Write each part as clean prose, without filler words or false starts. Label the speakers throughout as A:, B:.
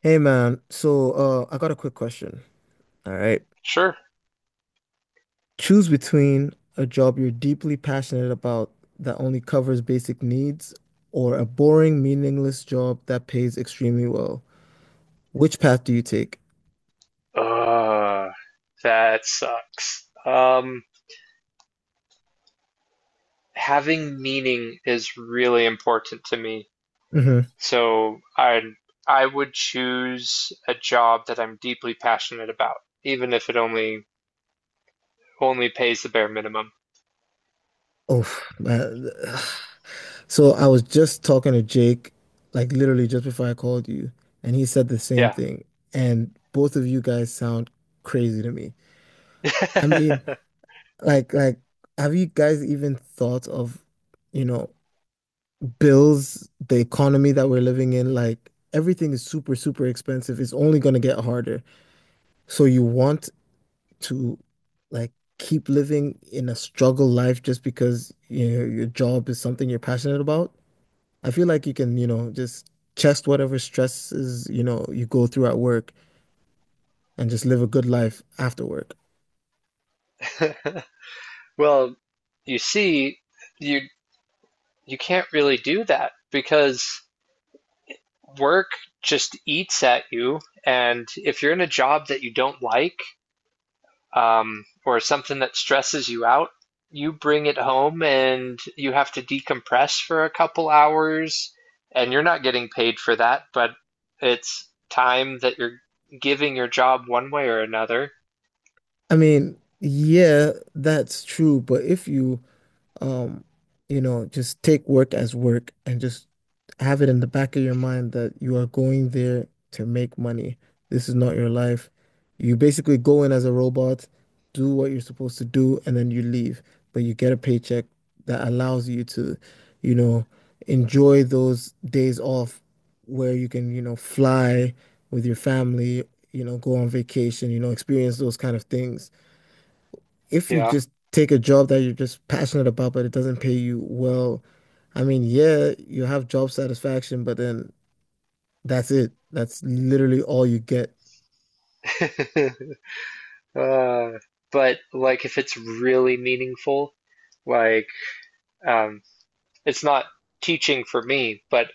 A: Hey man, I got a quick question. All right.
B: Sure.
A: Choose between a job you're deeply passionate about that only covers basic needs, or a boring, meaningless job that pays extremely well. Which path do you take?
B: Uh, that sucks. Having meaning is really important to me.
A: hmm
B: So I would choose a job that I'm deeply passionate about, even if it only pays the bare minimum.
A: Oh, man. So I was just talking to Jake, like literally just before I called you, and he said the same
B: Yeah.
A: thing. And both of you guys sound crazy to me. I mean, like, like, have you guys even thought of, you know, bills, the economy that we're living in, like everything is super, super expensive. It's only going to get harder. So you want to, like, keep living in a struggle life just because, you know, your job is something you're passionate about. I feel like you can, you know, just chest whatever stresses, you know, you go through at work and just live a good life after work.
B: Well, you see, you you can't really do that because work just eats at you, and if you're in a job that you don't like, or something that stresses you out, you bring it home and you have to decompress for a couple hours and you're not getting paid for that, but it's time that you're giving your job one way or another.
A: I mean, yeah, that's true, but if you— Um, you know, just take work as work and just have it in the back of your mind that you are going there to make money. This is not your life. You basically go in as a robot, do what you're supposed to do, and then you leave. But you get a paycheck that allows you to, you know, enjoy those days off where you can, you know, fly with your family, you know, go on vacation, you know, experience those kind of things if you
B: Yeah.
A: just take a job that you're just passionate about, but it doesn't pay you well. I mean, yeah, you have job satisfaction, but then that's it. That's literally all you get.
B: uh, but like if it's really meaningful, like um, it's not teaching for me, but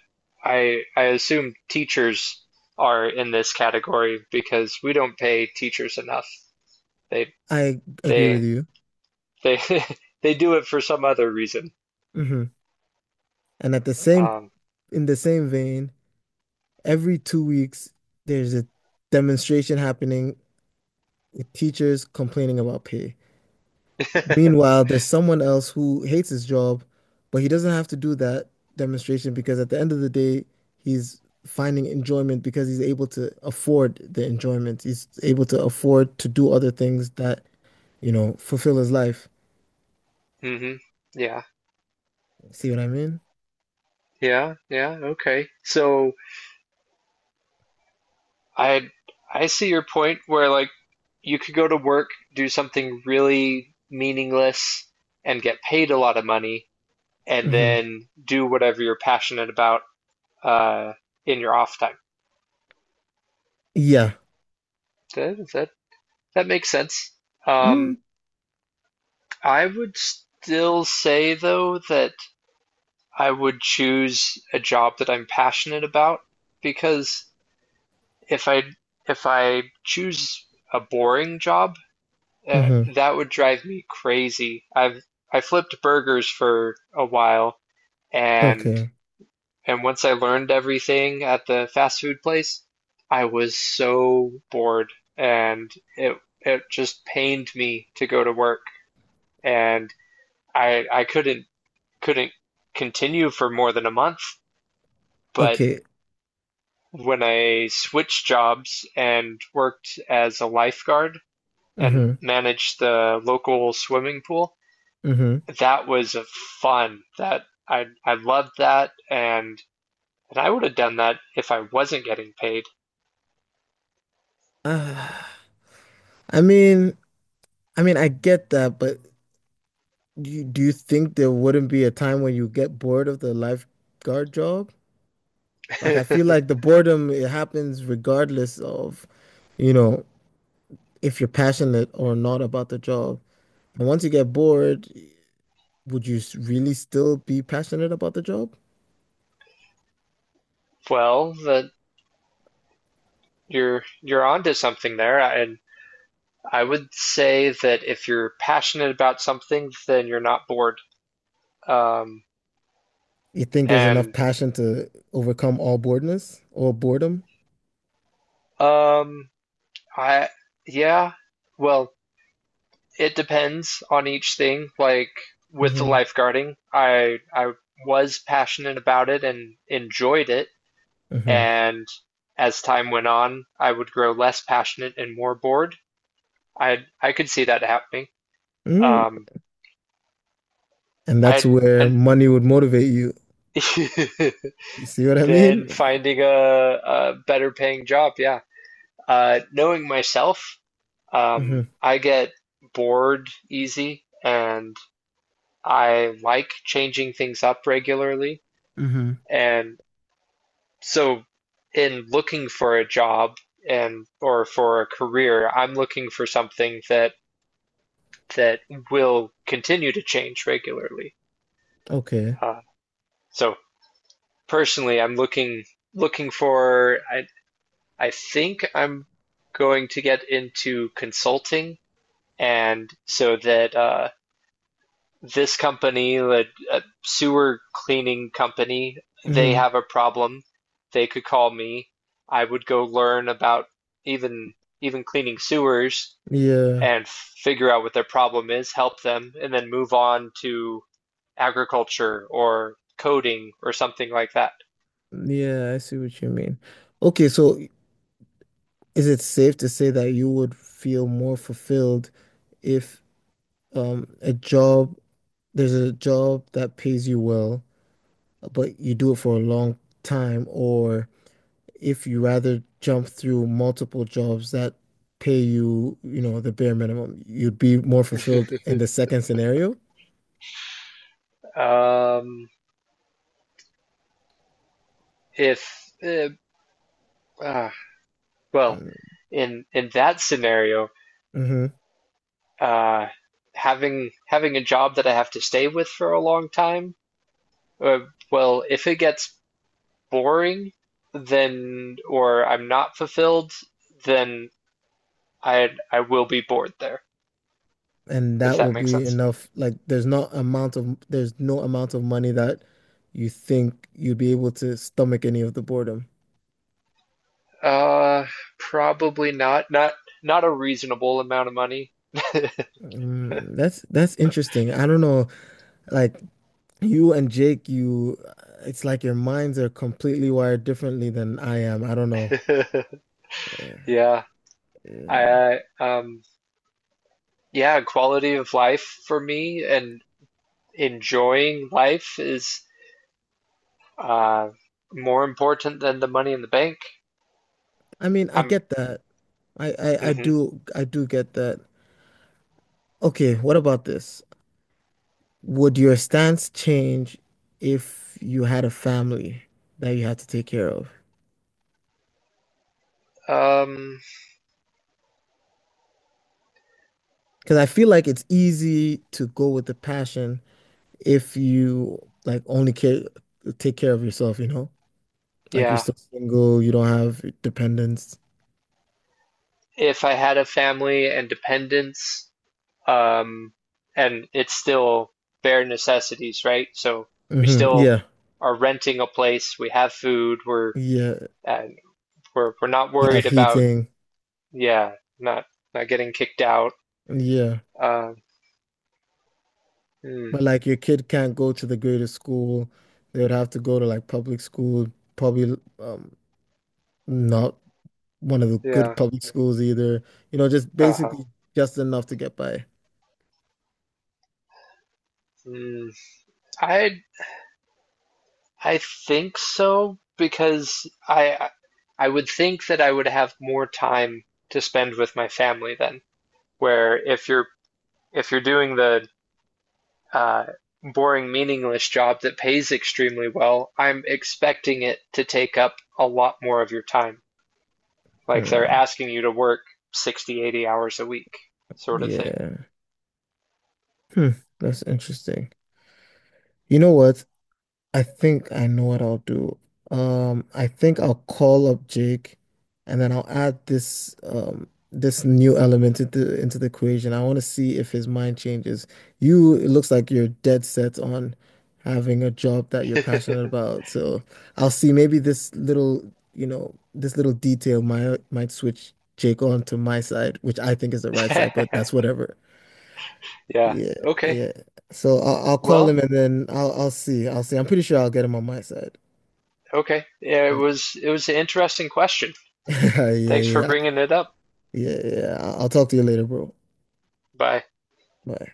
B: I assume teachers are in this category because we don't pay teachers enough. They
A: I agree with
B: They
A: you.
B: they they do it for some other reason.
A: hmm And at the same—
B: Um,
A: in the same vein, every 2 weeks, there's a demonstration happening with teachers complaining about pay. Meanwhile, there's someone else who hates his job, but he doesn't have to do that demonstration because at the end of the day, he's finding enjoyment because he's able to afford the enjoyment. He's able to afford to do other things that, you know, fulfill his life.
B: hmm. Yeah,
A: See what I mean?
B: yeah, yeah. Okay. So I I see your point where like you could go to work, do something really meaningless, and get paid a lot of money, and
A: hmm
B: then do whatever you're passionate about uh, in your off time.
A: Yeah.
B: That that that makes sense.
A: Mm.
B: Um, I would still say though that I would choose a job that I'm passionate about because if I if I choose a boring job, uh,
A: hmm
B: that would drive me crazy. I flipped burgers for a while and
A: Okay.
B: and once I learned everything at the fast food place, I was so bored and it just pained me to go to work and I couldn't continue for more than a month, but
A: Okay.
B: when I switched jobs and worked as a lifeguard and
A: hmm
B: managed the local swimming pool.
A: hmm
B: That was fun. That I loved that and I would have done that if I wasn't getting paid.
A: Ah, I mean— I mean, I get that, but do you— do you think there wouldn't be a time when you get bored of the lifeguard job? Like, I feel like the boredom, it happens regardless of, you know, if you're passionate or not about the job. And once you get bored, would you really still be passionate about the job?
B: Well, that you're onto something there. And I would say that if you're passionate about something, then you're not bored. Um,
A: You think there's enough
B: and
A: passion to overcome all boredness, or boredom?
B: um, I yeah, well, it depends on each thing. Like with the
A: hmm
B: lifeguarding, I was passionate about it and enjoyed it.
A: hmm
B: And as time went on, I would grow less passionate and more bored. I could see that happening.
A: Mm.
B: Um,
A: And that's
B: I,
A: where
B: I
A: money would motivate you. You see what I mean?
B: then finding a better paying job. Yeah. Knowing myself,
A: hmm
B: I get bored easy and I like changing things up regularly.
A: hmm
B: And So in looking for a job and or for a career, I'm looking for something that will continue to change regularly.
A: Okay.
B: Uh, so personally, I'm looking for I think I'm going to get into consulting and so that this company, a sewer cleaning company, they
A: hmm
B: have a problem. They could call me. I would go learn about even even cleaning sewers
A: Yeah.
B: and figure out what their problem is, help them, and then move on to agriculture or coding or something like that.
A: Yeah, I see what you mean. Okay, so, is it safe to say that you would feel more fulfilled if, a job— there's a job that pays you well, but you do it for a long time, or if you rather jump through multiple jobs that pay you, you know, the bare minimum, you'd be more fulfilled in the second scenario?
B: um, if uh, uh, well, In that scenario,
A: Mm-hmm.
B: uh, having a job that I have to stay with for a long time. Uh, well, if it gets boring, then or I'm not fulfilled, then I will be bored there,
A: And
B: if
A: that
B: that
A: will
B: makes
A: be
B: sense.
A: enough. Like, there's not amount of— there's no amount of money that you think you'd be able to stomach any of the boredom.
B: Uh, Probably not. Not a reasonable amount of money.
A: Mm, that's interesting. I don't know. Like, you and Jake, you— it's like your minds are completely wired differently than I am. I don't know.
B: Yeah. I yeah, quality of life for me and enjoying life is uh more important than the money in the bank.
A: I mean, I
B: I'm
A: get that. I
B: mhm.
A: do— I do get that. Okay, what about this? Would your stance change if you had a family that you had to take care of?
B: Um
A: Because I feel like it's easy to go with the passion if you, like, only care— take care of yourself, you know? Like, you're
B: yeah.
A: still single, you don't have dependents.
B: If I had a family and dependents, um, and it's still bare necessities, right? So we still
A: Yeah.
B: are renting a place, we have food, we're
A: Yeah.
B: and we're not
A: You
B: worried
A: have
B: about
A: heating.
B: yeah, not not getting kicked out.
A: Yeah.
B: Um, mm,
A: But like your kid can't go to the greatest school. They would have to go to like public school, probably, um, not one of the good
B: yeah,
A: public schools either. You know, just
B: uh-huh.
A: basically just enough to get by.
B: Mm, I I think so because I would think that I would have more time to spend with my family then. Where if you're doing the uh, boring, meaningless job that pays extremely well, I'm expecting it to take up a lot more of your time. Like they're
A: Hmm.
B: asking you to work 60, 80 hours a week, sort of thing.
A: Yeah. Hmm. That's interesting. You know what? I think I know what I'll do. I think I'll call up Jake and then I'll add this, um, this new element into— into the equation. I want to see if his mind changes. You— it looks like you're dead set on having a job that you're passionate about. So I'll see, maybe this little, you know, this little detail might— might switch Jake on to my side, which I think is the right side, but
B: Yeah.
A: that's whatever.
B: Yeah.
A: Yeah,
B: Okay.
A: yeah. So I'll— I'll call him
B: Well,
A: and then I'll— I'll see. I'll see. I'm pretty sure I'll get him on my side.
B: okay. Yeah, it was an interesting question.
A: Yeah, yeah,
B: Thanks for
A: yeah,
B: bringing it up.
A: yeah. I'll talk to you later, bro.
B: Bye.
A: Bye.